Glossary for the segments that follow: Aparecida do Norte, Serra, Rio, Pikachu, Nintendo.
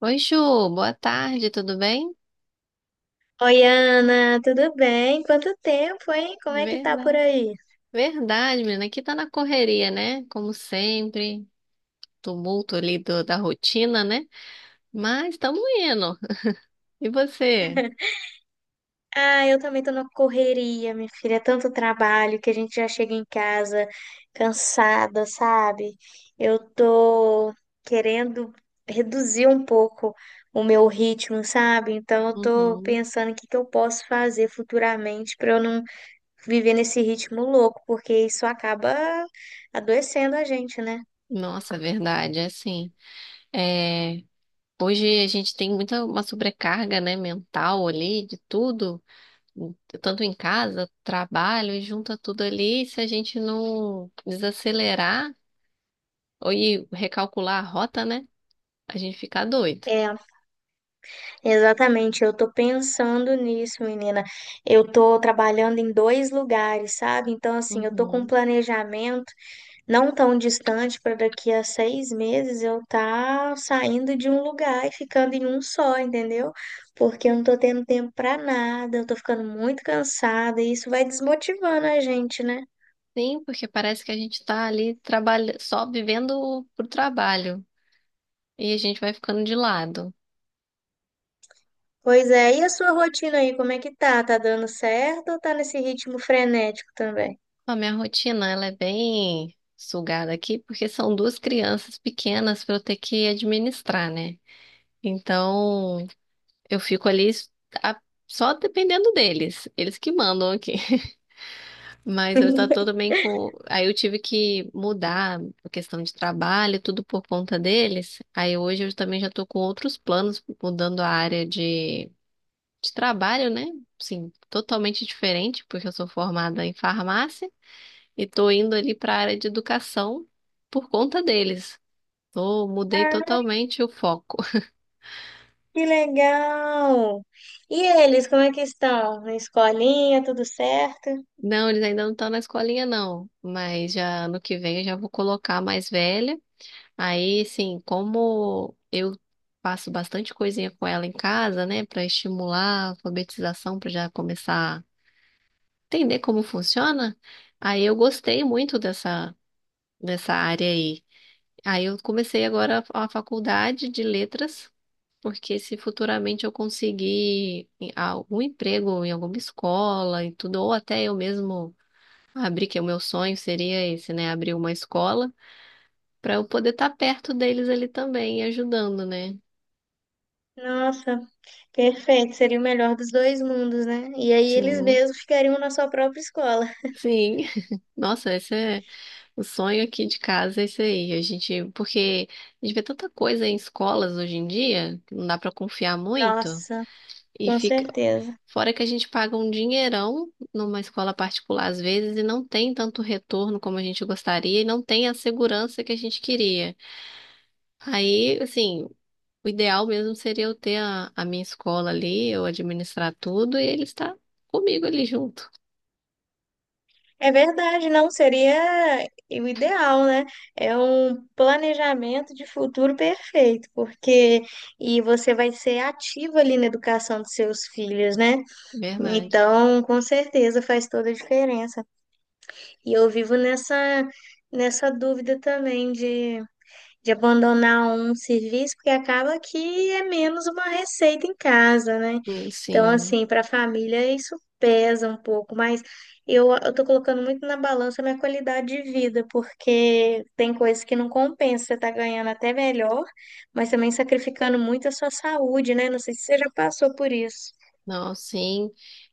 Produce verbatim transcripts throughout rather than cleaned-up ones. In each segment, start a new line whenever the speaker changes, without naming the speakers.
Oi, Ju, boa tarde, tudo bem?
Oi, Ana, tudo bem? Quanto tempo, hein? Como é que tá por
Verdade,
aí?
verdade, menina, aqui tá na correria, né? Como sempre, tumulto ali do- da rotina, né? Mas estamos indo. E você?
Ah, eu também tô na correria, minha filha. É tanto trabalho que a gente já chega em casa cansada, sabe? Eu tô querendo reduzir um pouco o meu ritmo, sabe? Então eu tô
Uhum.
pensando o que que eu posso fazer futuramente pra eu não viver nesse ritmo louco, porque isso acaba adoecendo a gente, né?
Nossa, verdade, assim, é, hoje a gente tem muita uma sobrecarga, né, mental ali de tudo, tanto em casa, trabalho, e junta tudo ali, e se a gente não desacelerar ou e recalcular a rota, né, a gente fica doido.
É, exatamente, eu tô pensando nisso, menina. Eu tô trabalhando em dois lugares, sabe? Então, assim, eu tô com um
Uhum.
planejamento não tão distante para daqui a seis meses eu tá saindo de um lugar e ficando em um só, entendeu? Porque eu não tô tendo tempo para nada, eu tô ficando muito cansada e isso vai desmotivando a gente, né?
Sim, porque parece que a gente tá ali trabalha... só vivendo pro trabalho e a gente vai ficando de lado.
Pois é, e a sua rotina aí, como é que tá? Tá dando certo ou tá nesse ritmo frenético também?
A minha rotina, ela é bem sugada aqui, porque são duas crianças pequenas para eu ter que administrar, né? Então, eu fico ali a- só dependendo deles, eles que mandam aqui. Mas eu já tô bem com. Aí eu tive que mudar a questão de trabalho, tudo por conta deles. Aí hoje eu também já tô com outros planos, mudando a área de, de trabalho, né? Sim, totalmente diferente, porque eu sou formada em farmácia e tô indo ali para a área de educação por conta deles. Tô, mudei totalmente o foco.
Que legal! E eles, como é que estão? Na escolinha, tudo certo?
Não, eles ainda não estão na escolinha, não. Mas já ano que vem eu já vou colocar a mais velha. Aí, sim, como eu faço bastante coisinha com ela em casa, né, para estimular a alfabetização, para já começar a entender como funciona, aí eu gostei muito dessa, dessa área aí. Aí eu comecei agora a a faculdade de letras, porque se futuramente eu conseguir em- algum emprego em alguma escola e tudo, ou até eu mesmo abrir, que o meu sonho seria esse, né, abrir uma escola, para eu poder estar perto deles ali também, ajudando, né?
Nossa, perfeito, seria o melhor dos dois mundos, né? E aí eles
Sim,
mesmos ficariam na sua própria escola.
sim. Nossa, esse é o sonho aqui de casa, é isso aí. A gente, porque a gente vê tanta coisa em escolas hoje em dia, que não dá pra confiar muito,
Nossa,
e
com
fica,
certeza.
fora que a gente paga um dinheirão numa escola particular às vezes e não tem tanto retorno como a gente gostaria e não tem a segurança que a gente queria. Aí, assim, o ideal mesmo seria eu ter a, a minha escola ali, eu administrar tudo e ele estar comigo ali junto.
É verdade, não seria o ideal, né? É um planejamento de futuro perfeito, porque e você vai ser ativo ali na educação dos seus filhos, né?
Verdade.
Então, com certeza faz toda a diferença. E eu vivo nessa, nessa dúvida também de, de abandonar um serviço, porque acaba que é menos uma receita em casa, né?
Hum,
Então,
Sim.
assim, para a família isso pesa um pouco, mas eu, eu tô colocando muito na balança a minha qualidade de vida, porque tem coisas que não compensa, você tá ganhando até melhor, mas também sacrificando muito a sua saúde, né? Não sei se você já passou por isso.
Não, sim.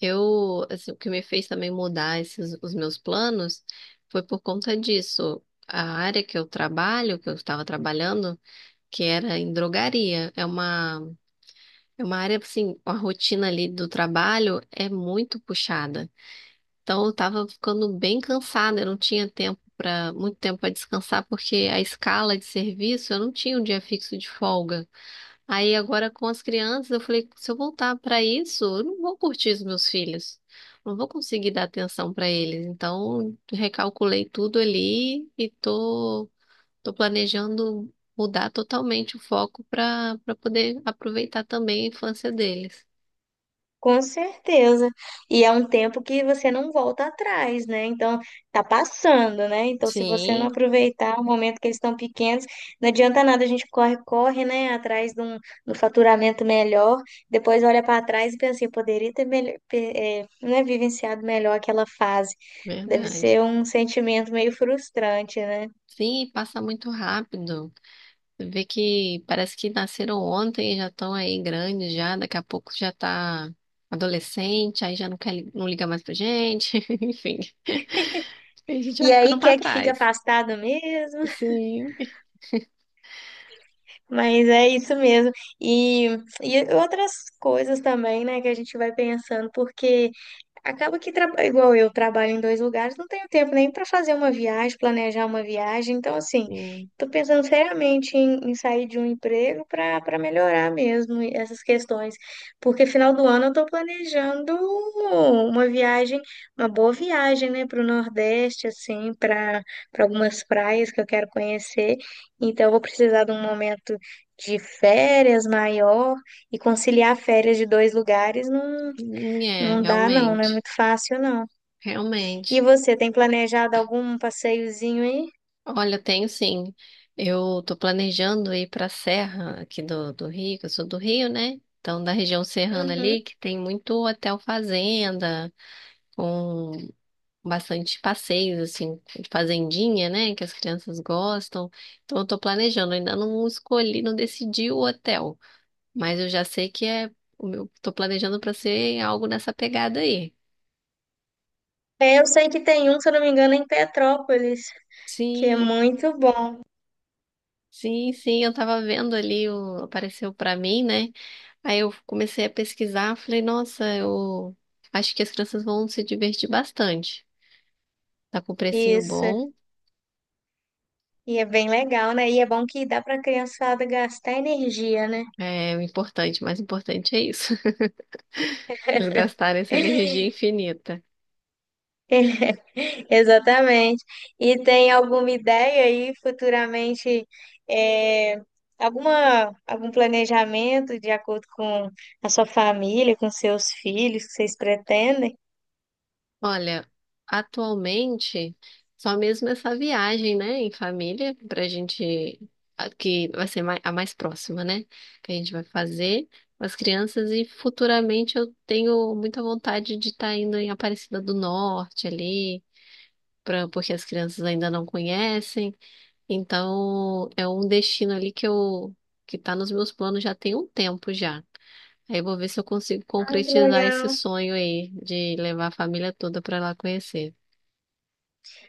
Eu, assim, o que me fez também mudar esses, os meus planos foi por conta disso. A área que eu trabalho, que eu estava trabalhando, que era em drogaria, é uma, é uma área, assim, a rotina ali do trabalho é muito puxada. Então, eu estava ficando bem cansada, eu não tinha tempo para, muito tempo para descansar, porque a escala de serviço, eu não tinha um dia fixo de folga. Aí agora com as crianças, eu falei, se eu voltar para isso, eu não vou curtir os meus filhos. Não vou conseguir dar atenção para eles. Então, recalculei tudo ali e tô tô planejando mudar totalmente o foco para para poder aproveitar também a infância deles.
Com certeza. E é um tempo que você não volta atrás, né? Então, tá passando, né? Então, se você não
Sim,
aproveitar o momento que eles estão pequenos, não adianta nada, a gente corre, corre, né? Atrás de um, de um faturamento melhor, depois olha para trás e pensa assim, eu poderia ter melhor, né, vivenciado melhor aquela fase. Deve
verdade.
ser um sentimento meio frustrante, né?
Sim, passa muito rápido. Você vê que parece que nasceram ontem, e já estão aí grandes já, daqui a pouco já tá adolescente, aí já não quer, li- não liga mais pra gente, enfim. A gente
E
vai ficando
aí,
pra
quer que fica
trás.
afastado mesmo?
Sim,
Mas é isso mesmo. E, e outras coisas também, né, que a gente vai pensando, porque. Acaba que, traba- igual eu trabalho em dois lugares, não tenho tempo nem para fazer uma viagem, planejar uma viagem. Então, assim,
sim.
estou pensando seriamente em, em sair de um emprego para para melhorar mesmo essas questões. Porque final do ano eu estou planejando uma viagem, uma boa viagem, né, para o Nordeste, assim, para para algumas praias que eu quero conhecer. Então, eu vou precisar de um momento de férias maior e conciliar férias de dois lugares não
Hum, é,
não dá não, não é
realmente,
muito fácil não. E
realmente.
você, tem planejado algum passeiozinho aí?
Olha, eu tenho sim. Eu tô planejando ir pra Serra aqui do, do Rio, que eu sou do Rio, né? Então, da região serrana
Uhum.
ali, que tem muito hotel fazenda, com bastante passeios, assim, de fazendinha, né? Que as crianças gostam. Então, eu tô planejando. Ainda não escolhi, não decidi o hotel, mas eu já sei que é. o meu- Tô planejando para ser algo nessa pegada aí.
É, eu sei que tem um, se eu não me engano, em Petrópolis, que é
Sim,
muito bom.
sim, sim. Eu tava vendo ali, o- apareceu para mim, né? Aí eu comecei a pesquisar, falei, nossa, eu acho que as crianças vão se divertir bastante. Tá com um precinho
Isso.
bom.
E é bem legal, né? E é bom que dá para a criançada gastar energia, né?
É o importante, o mais importante é isso. Eles gastarem essa energia infinita.
Exatamente. E tem alguma ideia aí futuramente, é, alguma, algum planejamento de acordo com a sua família, com seus filhos, que vocês pretendem?
Olha, atualmente, só mesmo essa viagem, né, em família, pra gente, a- que vai ser mai- a mais próxima, né, que a gente vai fazer com as crianças e futuramente eu tenho muita vontade de estar indo em Aparecida do Norte ali, pra, porque as crianças ainda não conhecem, então é um destino ali que eu, que tá nos meus planos já tem um tempo já. Aí eu vou ver se eu consigo
Ai, que
concretizar
legal.
esse sonho aí de levar a família toda para lá conhecer.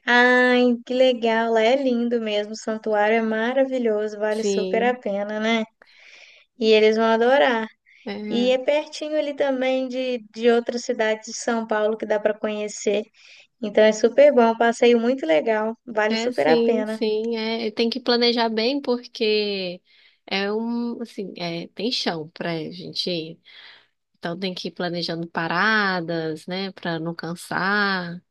Ai, que legal, lá é lindo mesmo, o santuário é maravilhoso, vale super a
Sim,
pena, né? E eles vão adorar. E
é,
é pertinho ali também de, de outras cidades de São Paulo que dá para conhecer. Então é super bom, um passeio muito legal, vale
é
super a
sim,
pena.
sim, é, e tem que planejar bem porque é um, assim, é, tem chão pra gente ir. Então tem que ir planejando paradas, né, pra não cansar.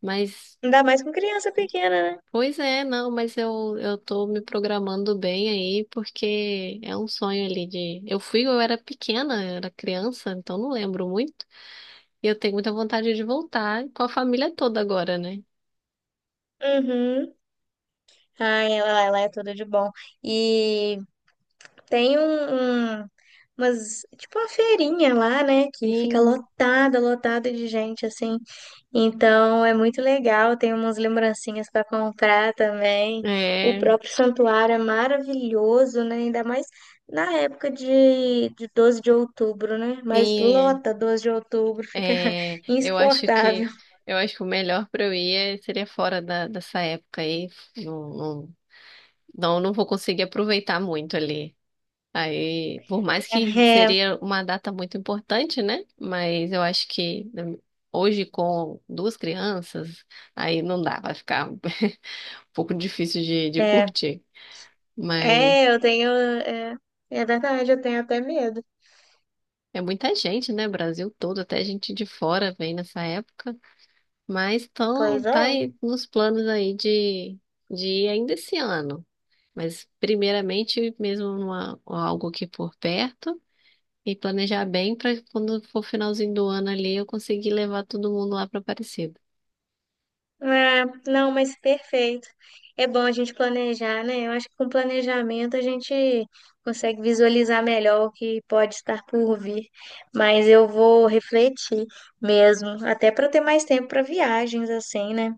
Mas,
Ainda mais com criança pequena, né?
pois é, não, mas eu, eu tô me programando bem aí porque é um sonho ali de, eu fui, eu era pequena, eu era criança, então não lembro muito. E eu tenho muita vontade de voltar com a família toda agora, né?
Uhum. Ai, lá, lá é tudo de bom. E tem um, um- umas, tipo uma feirinha lá, né? Que fica
Sim,
lotada, lotada de gente, assim. Então é muito legal, tem umas lembrancinhas para comprar também. O
é.
próprio santuário é maravilhoso, né? Ainda mais na época de, de doze de outubro, né? Mas
Sim, é.
lota doze de outubro, fica
É, eu acho que
insuportável.
eu acho que o melhor para eu ir é- seria fora da, dessa época aí. Não, não, não, não vou conseguir aproveitar muito ali. Aí, por mais que
É,
seria uma data muito importante, né? Mas eu acho que né, hoje com duas crianças, aí não dá, vai ficar um pouco difícil de, de
é,
curtir. Mas
é, eu tenho. É, é verdade, eu tenho até medo.
é muita gente, né? Brasil todo, até gente de fora vem nessa época. Mas tão,
Pois é.
tá aí nos planos aí de, de ir ainda esse ano. Mas primeiramente mesmo numa, algo aqui por perto e planejar bem para quando for finalzinho do ano ali eu conseguir levar todo mundo lá para Aparecida.
Ah, não, mas perfeito. É bom a gente planejar, né? Eu acho que com planejamento a gente consegue visualizar melhor o que pode estar por vir. Mas eu vou refletir mesmo, até para ter mais tempo para viagens, assim, né?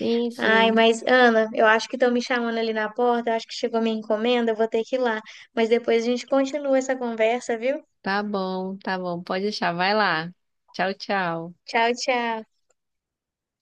Sim,
Ai,
sim.
mas Ana, eu acho que estão me chamando ali na porta, eu acho que chegou minha encomenda, eu vou ter que ir lá. Mas depois a gente continua essa conversa, viu?
Tá bom, tá bom. Pode deixar. Vai lá. Tchau, tchau.
Tchau, tchau.